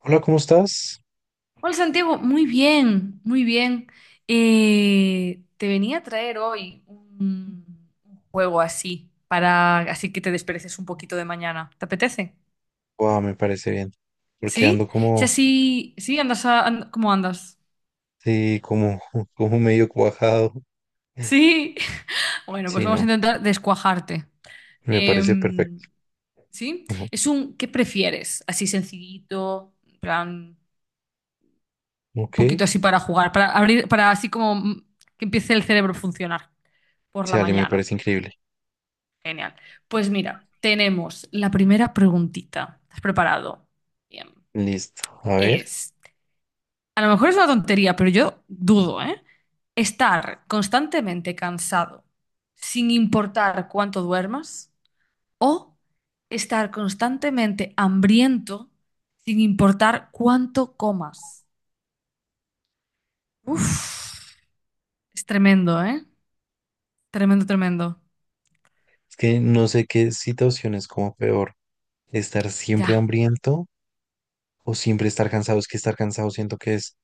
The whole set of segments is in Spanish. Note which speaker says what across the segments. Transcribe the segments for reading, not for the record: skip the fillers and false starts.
Speaker 1: Hola, ¿cómo estás?
Speaker 2: Hola Santiago, muy bien, muy bien. Te venía a traer hoy un juego así, para así que te despereces un poquito de mañana. ¿Te apetece?
Speaker 1: Guau, me parece bien. Porque ando
Speaker 2: ¿Sí? Si
Speaker 1: como,
Speaker 2: así, sí, andas ¿cómo andas?
Speaker 1: sí, como, como medio cuajado.
Speaker 2: Sí. Bueno, pues
Speaker 1: Sí,
Speaker 2: vamos a
Speaker 1: no,
Speaker 2: intentar descuajarte.
Speaker 1: me parece
Speaker 2: Em,
Speaker 1: perfecto.
Speaker 2: ¿Sí?
Speaker 1: Ajá.
Speaker 2: Es un ¿qué prefieres? Así sencillito, en plan, un
Speaker 1: Ok,
Speaker 2: poquito así para jugar, para abrir, para así como que empiece el cerebro a funcionar por
Speaker 1: sí,
Speaker 2: la
Speaker 1: Ale, me
Speaker 2: mañana.
Speaker 1: parece increíble.
Speaker 2: Genial. Pues mira, tenemos la primera preguntita. ¿Estás preparado? Bien.
Speaker 1: Listo. A ver,
Speaker 2: Es, a lo mejor es una tontería, pero yo dudo, ¿eh? Estar constantemente cansado sin importar cuánto duermas o estar constantemente hambriento sin importar cuánto comas. Uf, es tremendo, ¿eh? Tremendo, tremendo.
Speaker 1: es que no sé qué situación es como peor. Estar siempre
Speaker 2: Ya.
Speaker 1: hambriento o siempre estar cansado. Es que estar cansado siento que es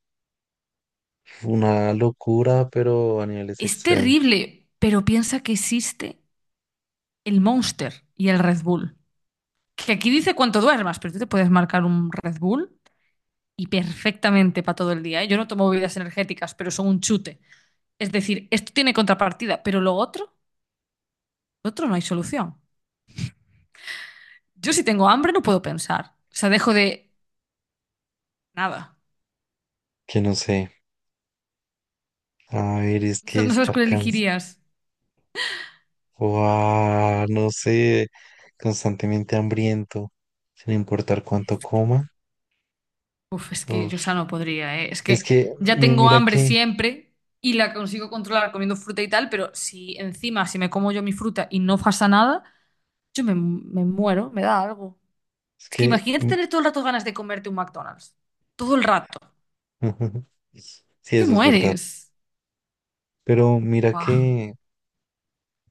Speaker 1: una locura, pero a niveles
Speaker 2: Es
Speaker 1: extremos.
Speaker 2: terrible, pero piensa que existe el Monster y el Red Bull. Que aquí dice cuánto duermas, pero tú te puedes marcar un Red Bull y perfectamente para todo el día, ¿eh? Yo no tomo bebidas energéticas, pero son un chute. Es decir, esto tiene contrapartida, pero lo otro no hay solución. Yo si tengo hambre no puedo pensar. O sea, dejo de nada.
Speaker 1: Que no sé. A ver, es que
Speaker 2: No sabes
Speaker 1: estar
Speaker 2: cuál
Speaker 1: cansado.
Speaker 2: elegirías.
Speaker 1: Guau, no sé, constantemente hambriento, sin importar
Speaker 2: Es
Speaker 1: cuánto
Speaker 2: que,
Speaker 1: coma.
Speaker 2: uf, es que yo ya
Speaker 1: Uf.
Speaker 2: no podría, ¿eh? Es
Speaker 1: Es
Speaker 2: que
Speaker 1: que,
Speaker 2: ya tengo
Speaker 1: mira
Speaker 2: hambre
Speaker 1: que,
Speaker 2: siempre y la consigo controlar comiendo fruta y tal, pero si encima, si me como yo mi fruta y no pasa nada, yo me muero, me da algo.
Speaker 1: es
Speaker 2: Es que imagínate
Speaker 1: que,
Speaker 2: tener todo el rato ganas de comerte un McDonald's. Todo el rato.
Speaker 1: sí,
Speaker 2: Te
Speaker 1: eso es verdad.
Speaker 2: mueres.
Speaker 1: Pero mira
Speaker 2: Buah.
Speaker 1: que,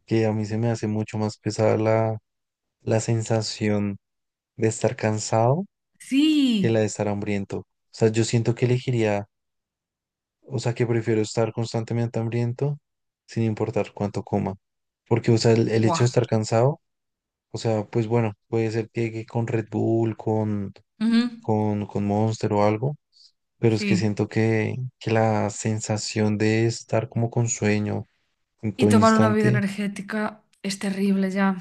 Speaker 1: que a mí se me hace mucho más pesada la sensación de estar cansado que la
Speaker 2: Sí.
Speaker 1: de estar hambriento. O sea, yo siento que elegiría, o sea, que prefiero estar constantemente hambriento sin importar cuánto coma. Porque, o sea, el hecho de
Speaker 2: Buah.
Speaker 1: estar cansado. O sea, pues bueno, puede ser que con Red Bull, con,
Speaker 2: Ujú.
Speaker 1: con, con Monster o algo, pero es que
Speaker 2: Sí.
Speaker 1: siento que la sensación de estar como con sueño en
Speaker 2: Y
Speaker 1: todo
Speaker 2: tomar una bebida
Speaker 1: instante,
Speaker 2: energética es terrible ya.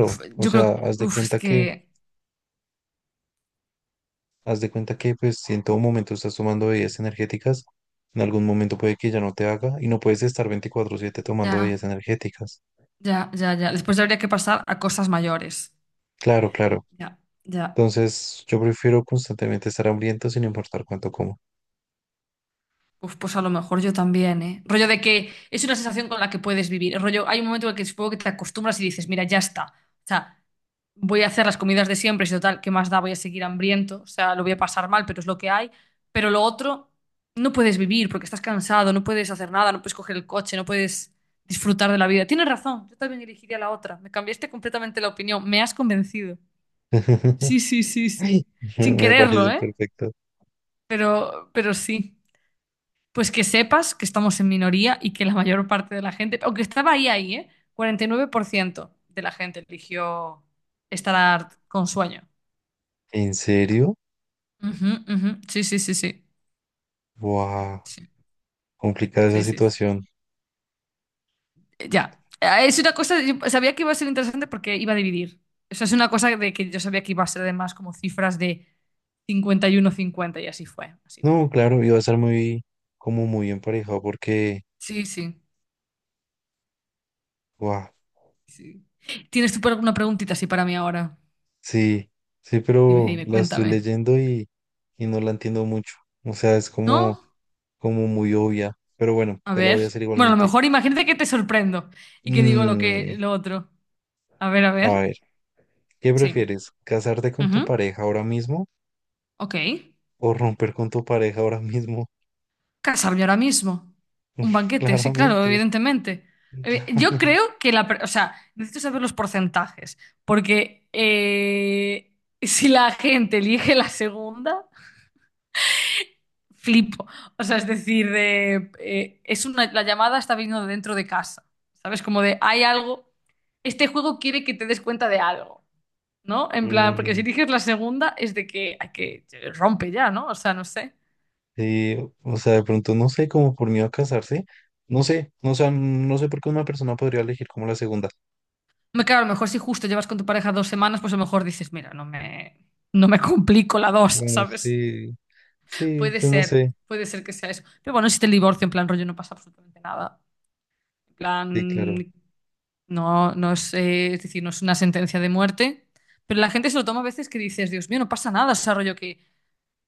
Speaker 2: Uf,
Speaker 1: o
Speaker 2: yo creo
Speaker 1: sea,
Speaker 2: que... Uf, es que...
Speaker 1: haz de cuenta que pues si en todo momento estás tomando bebidas energéticas, en algún momento puede que ya no te haga y no puedes estar 24/7 tomando
Speaker 2: Ya,
Speaker 1: bebidas energéticas.
Speaker 2: ya, ya, ya. Después ya habría que pasar a cosas mayores.
Speaker 1: Claro, claro.
Speaker 2: Ya, ya.
Speaker 1: Entonces, yo prefiero constantemente estar hambriento sin importar cuánto como.
Speaker 2: Uf, pues a lo mejor yo también, ¿eh? Rollo de que es una sensación con la que puedes vivir. Rollo, hay un momento en el que supongo que te acostumbras y dices, mira, ya está. O sea, voy a hacer las comidas de siempre, si total, ¿qué más da? Voy a seguir hambriento, o sea, lo voy a pasar mal, pero es lo que hay. Pero lo otro, no puedes vivir porque estás cansado, no puedes hacer nada, no puedes coger el coche, no puedes disfrutar de la vida. Tienes razón, yo también elegiría la otra. Me cambiaste completamente la opinión, me has convencido. Sí, sí, sí, sí. Sin
Speaker 1: Me
Speaker 2: quererlo,
Speaker 1: parece
Speaker 2: ¿eh?
Speaker 1: perfecto.
Speaker 2: Pero sí. Pues que sepas que estamos en minoría y que la mayor parte de la gente, aunque estaba ahí, ahí, ¿eh? 49% de la gente eligió estar con sueño.
Speaker 1: ¿En serio?
Speaker 2: Ujú, ujú. Sí, sí, sí, sí.
Speaker 1: ¡Wow!
Speaker 2: Sí,
Speaker 1: Complicada esa
Speaker 2: sí, sí, sí.
Speaker 1: situación.
Speaker 2: Ya. Es una cosa, yo sabía que iba a ser interesante porque iba a dividir. Eso es una cosa de que yo sabía que iba a ser además como cifras de 51-50 y así fue, así fue.
Speaker 1: No, claro, iba a ser muy, como muy emparejado porque,
Speaker 2: Sí, sí,
Speaker 1: ¡wow!
Speaker 2: sí. ¿Tienes tú por alguna preguntita así para mí ahora?
Speaker 1: Sí, sí,
Speaker 2: Dime,
Speaker 1: pero
Speaker 2: dime,
Speaker 1: la estoy
Speaker 2: cuéntame.
Speaker 1: leyendo y no la entiendo mucho. O sea, es como,
Speaker 2: ¿No?
Speaker 1: como muy obvia. Pero bueno,
Speaker 2: A
Speaker 1: te la
Speaker 2: ver.
Speaker 1: voy a hacer
Speaker 2: Bueno, a lo
Speaker 1: igualmente.
Speaker 2: mejor imagínate que te sorprendo y que digo lo que
Speaker 1: Mm,
Speaker 2: lo otro. A ver, a
Speaker 1: a
Speaker 2: ver.
Speaker 1: ver, ¿qué
Speaker 2: Sí.
Speaker 1: prefieres? ¿Casarte con tu
Speaker 2: Ujú.
Speaker 1: pareja ahora mismo
Speaker 2: Ok.
Speaker 1: o romper con tu pareja ahora mismo?
Speaker 2: Casarme ahora mismo. Un banquete, sí, claro,
Speaker 1: Claramente,
Speaker 2: evidentemente. Yo
Speaker 1: claramente.
Speaker 2: creo que O sea, necesito saber los porcentajes, porque si la gente elige la segunda, flipo. O sea, es decir, la llamada está viniendo de dentro de casa. ¿Sabes? Hay algo, este juego quiere que te des cuenta de algo. ¿No? En plan, porque si
Speaker 1: Mm,
Speaker 2: eliges la segunda es de que hay que rompe ya, ¿no? O sea, no sé.
Speaker 1: O sea, de pronto no sé, como por miedo a casarse, no sé, no, sé no sé por qué una persona podría elegir como la segunda.
Speaker 2: Hombre, claro, a lo mejor si justo llevas con tu pareja 2 semanas, pues a lo mejor dices, mira, no me complico la dos,
Speaker 1: Bueno,
Speaker 2: ¿sabes?
Speaker 1: sí, sí, pues no sé,
Speaker 2: Puede ser que sea eso. Pero bueno, si te divorcio, en plan rollo, no pasa absolutamente nada. En
Speaker 1: sí, claro,
Speaker 2: plan, no, no es, es decir, no es una sentencia de muerte. Pero la gente se lo toma a veces que dices, Dios mío, no pasa nada, o sea, rollo que,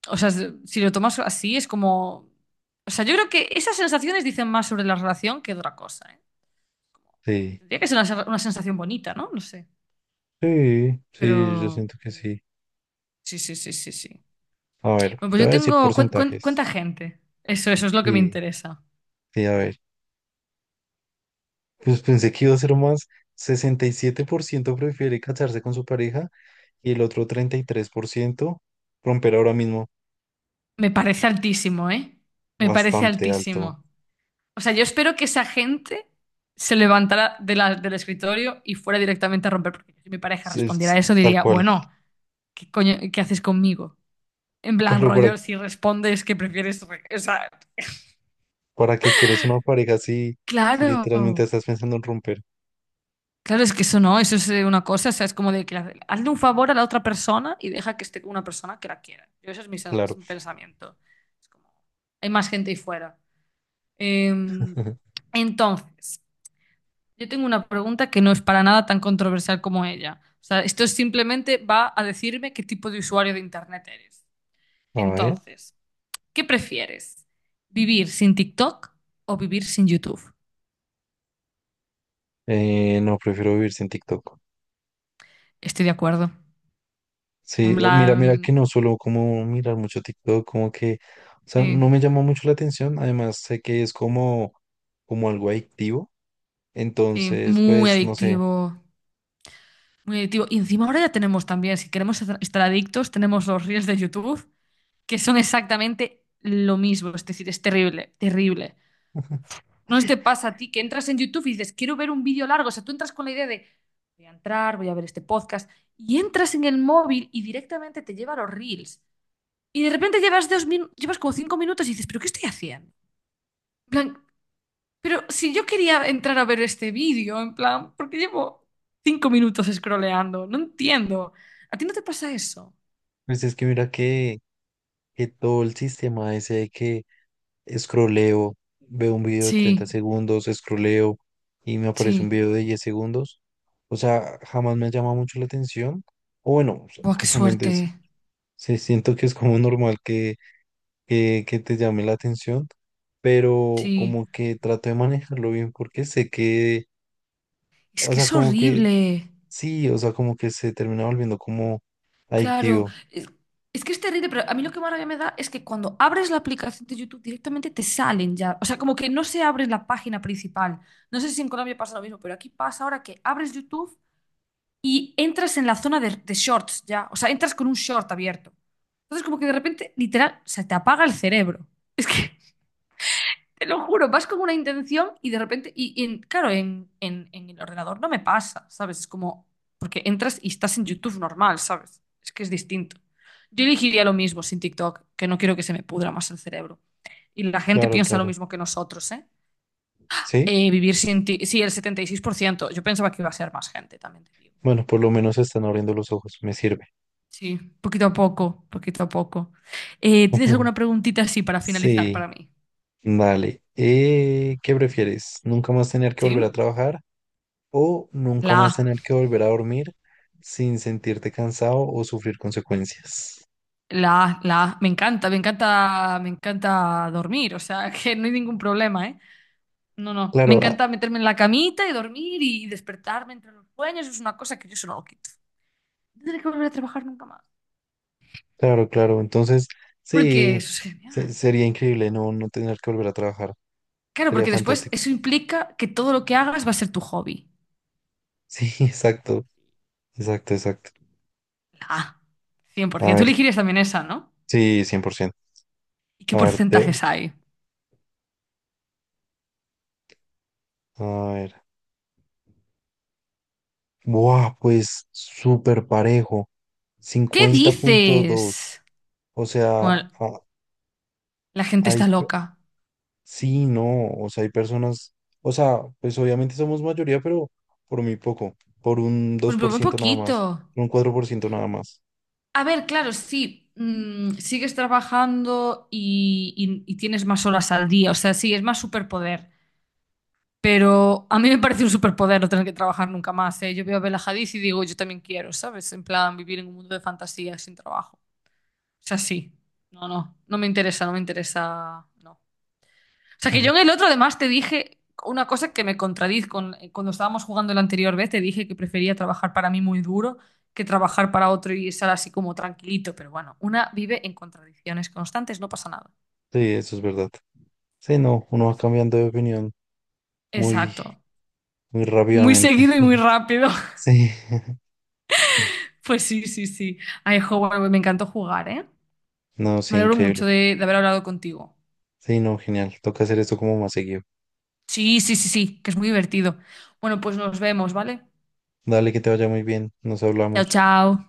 Speaker 2: o sea, si lo tomas así es como... O sea, yo creo que esas sensaciones dicen más sobre la relación que otra cosa, ¿eh?
Speaker 1: sí,
Speaker 2: Tendría que ser una sensación bonita, ¿no? No sé.
Speaker 1: sí,
Speaker 2: Pero
Speaker 1: sí, yo siento que sí.
Speaker 2: sí, sí, sí, sí, sí.
Speaker 1: A ver,
Speaker 2: Bueno, pues
Speaker 1: te
Speaker 2: yo
Speaker 1: voy a decir
Speaker 2: tengo. Cuen- cuen- ¿Cuánta
Speaker 1: porcentajes.
Speaker 2: gente? Eso es lo que me
Speaker 1: Sí,
Speaker 2: interesa.
Speaker 1: sí, a ver, pues pensé que iba a ser más, 67% prefiere casarse con su pareja y el otro 33% romper ahora mismo,
Speaker 2: Me parece altísimo, ¿eh? Me parece
Speaker 1: bastante alto,
Speaker 2: altísimo. O sea, yo espero que esa gente se levantara del escritorio y fuera directamente a romper. Porque si mi pareja
Speaker 1: sí,
Speaker 2: respondiera a
Speaker 1: es
Speaker 2: eso,
Speaker 1: tal
Speaker 2: diría,
Speaker 1: cual.
Speaker 2: bueno, ¿qué coño, qué haces conmigo? En plan,
Speaker 1: Claro, por
Speaker 2: rollo, si respondes que O sea,
Speaker 1: ¿Para qué quieres una pareja si,
Speaker 2: claro.
Speaker 1: literalmente estás pensando en romper?
Speaker 2: Claro, es que eso no, eso es una cosa, o sea, es como de que hazle un favor a la otra persona y deja que esté con una persona que la quiera. Yo, ese es
Speaker 1: Claro.
Speaker 2: mi pensamiento. Es como, hay más gente ahí fuera. Eh, entonces, yo tengo una pregunta que no es para nada tan controversial como ella. O sea, esto es simplemente va a decirme qué tipo de usuario de Internet eres.
Speaker 1: A ver.
Speaker 2: Entonces, ¿qué prefieres? ¿Vivir sin TikTok o vivir sin YouTube?
Speaker 1: No, prefiero vivir sin TikTok.
Speaker 2: Estoy de acuerdo. En
Speaker 1: Sí, mira, mira
Speaker 2: plan,
Speaker 1: que no suelo como mirar mucho TikTok, como que, o sea, no
Speaker 2: sí.
Speaker 1: me llamó mucho la atención. Además, sé que es como algo adictivo.
Speaker 2: Sí,
Speaker 1: Entonces,
Speaker 2: muy
Speaker 1: pues, no sé.
Speaker 2: adictivo, muy adictivo. Y encima ahora ya tenemos también, si queremos estar adictos, tenemos los reels de YouTube, que son exactamente lo mismo. Es decir, es terrible, terrible. No sé si te pasa a ti que entras en YouTube y dices, quiero ver un vídeo largo. O sea, tú entras con la idea de, voy a entrar, voy a ver este podcast. Y entras en el móvil y directamente te lleva a los reels. Y de repente llevas llevas como 5 minutos y dices, ¿pero qué estoy haciendo? En plan, pero si yo quería entrar a ver este vídeo, en plan, porque llevo 5 minutos scrolleando, no entiendo. ¿A ti no te pasa eso?
Speaker 1: Pues es que mira que todo el sistema ese de que scrolleo, veo un video de 30
Speaker 2: Sí,
Speaker 1: segundos, scrolleo y me aparece un
Speaker 2: sí.
Speaker 1: video de 10 segundos. O sea, jamás me llama mucho la atención. O bueno, o
Speaker 2: Buah, qué
Speaker 1: obviamente
Speaker 2: suerte.
Speaker 1: sí, sí siento que es como normal que, que te llame la atención, pero
Speaker 2: Sí.
Speaker 1: como que trato de manejarlo bien porque sé que,
Speaker 2: Es
Speaker 1: o
Speaker 2: que
Speaker 1: sea,
Speaker 2: es
Speaker 1: como que
Speaker 2: horrible.
Speaker 1: sí, o sea, como que se termina volviendo como
Speaker 2: Claro.
Speaker 1: adictivo.
Speaker 2: Es que es terrible, pero a mí lo que más rabia me da es que cuando abres la aplicación de YouTube directamente te salen ya. O sea, como que no se abre la página principal. No sé si en Colombia pasa lo mismo, pero aquí pasa ahora que abres YouTube y entras en la zona de shorts ya, o sea, entras con un short abierto. Entonces como que de repente, literal, se te apaga el cerebro. Es que, te lo juro, vas con una intención y de repente, claro, en el ordenador no me pasa, ¿sabes? Es como, porque entras y estás en YouTube normal, ¿sabes? Es que es distinto. Yo elegiría lo mismo sin TikTok, que no quiero que se me pudra más el cerebro. Y la gente
Speaker 1: Claro,
Speaker 2: piensa lo
Speaker 1: claro.
Speaker 2: mismo que nosotros, ¿eh?
Speaker 1: ¿Sí?
Speaker 2: Vivir sin ti, sí, el 76%. Yo pensaba que iba a ser más gente, también te digo.
Speaker 1: Bueno, por lo menos están abriendo los ojos, me sirve.
Speaker 2: Sí, poquito a poco, poquito a poco. ¿Tienes alguna preguntita así para finalizar
Speaker 1: Sí.
Speaker 2: para mí?
Speaker 1: Vale, ¿qué prefieres? ¿Nunca más tener que volver a
Speaker 2: ¿Sí?
Speaker 1: trabajar o nunca
Speaker 2: La
Speaker 1: más
Speaker 2: A,
Speaker 1: tener que volver a dormir sin sentirte cansado o sufrir consecuencias?
Speaker 2: la A, la A. Me encanta, me encanta, me encanta dormir, o sea, que no hay ningún problema, ¿eh? No, no, me
Speaker 1: Claro, ah,
Speaker 2: encanta meterme en la camita y dormir y despertarme entre los sueños, es una cosa que yo eso no lo quito. No tendré que volver a trabajar nunca más,
Speaker 1: claro, claro. Entonces,
Speaker 2: porque
Speaker 1: sí,
Speaker 2: eso es genial.
Speaker 1: sería increíble no, tener que volver a trabajar.
Speaker 2: Claro,
Speaker 1: Sería
Speaker 2: porque después
Speaker 1: fantástico.
Speaker 2: eso implica que todo lo que hagas va a ser tu hobby.
Speaker 1: Sí, exacto, exacto, exacto.
Speaker 2: La A, cien por
Speaker 1: A
Speaker 2: ciento. Tú
Speaker 1: ver,
Speaker 2: elegirías también esa, ¿no?
Speaker 1: sí, 100%.
Speaker 2: ¿Y qué
Speaker 1: A ver,
Speaker 2: porcentajes hay?
Speaker 1: a ver. Buah, pues súper parejo.
Speaker 2: ¿Qué
Speaker 1: 50,2.
Speaker 2: dices?
Speaker 1: O sea,
Speaker 2: Bueno, la gente
Speaker 1: hay,
Speaker 2: está loca.
Speaker 1: sí, no, o sea, hay personas, o sea, pues obviamente somos mayoría, pero por muy poco, por un dos
Speaker 2: Pues pero
Speaker 1: por
Speaker 2: muy
Speaker 1: ciento nada
Speaker 2: poquito.
Speaker 1: más, un 4% nada más.
Speaker 2: A ver, claro, sí, sigues trabajando y tienes más horas al día. O sea, sí, es más superpoder. Pero a mí me parece un superpoder no tener que trabajar nunca más, ¿eh? Yo veo a Bella Hadid y digo, yo también quiero, ¿sabes? En plan, vivir en un mundo de fantasía sin trabajo. O sea, sí. No, no, no me interesa, no me interesa. No. O sea, que yo
Speaker 1: Ujú.
Speaker 2: en el otro además te dije una cosa que me contradiz con, cuando estábamos jugando la anterior vez, te dije que prefería trabajar para mí muy duro que trabajar para otro y estar así como tranquilito, pero bueno, una vive en contradicciones constantes, no pasa nada. No
Speaker 1: Sí, eso es verdad. Sí, no, uno va
Speaker 2: Pasa.
Speaker 1: cambiando de opinión muy,
Speaker 2: Exacto.
Speaker 1: muy
Speaker 2: Muy
Speaker 1: rápidamente.
Speaker 2: seguido y muy rápido.
Speaker 1: Sí,
Speaker 2: Pues sí, sí, sí. Ay, jo, bueno, me encantó jugar, ¿eh?
Speaker 1: no,
Speaker 2: Me
Speaker 1: sí,
Speaker 2: alegro
Speaker 1: increíble.
Speaker 2: mucho de haber hablado contigo.
Speaker 1: Sí, no, genial. Toca hacer esto como más seguido.
Speaker 2: Sí, sí, sí, sí, que es muy divertido. Bueno, pues nos vemos, ¿vale?
Speaker 1: Dale, que te vaya muy bien. Nos
Speaker 2: Chao,
Speaker 1: hablamos.
Speaker 2: chao.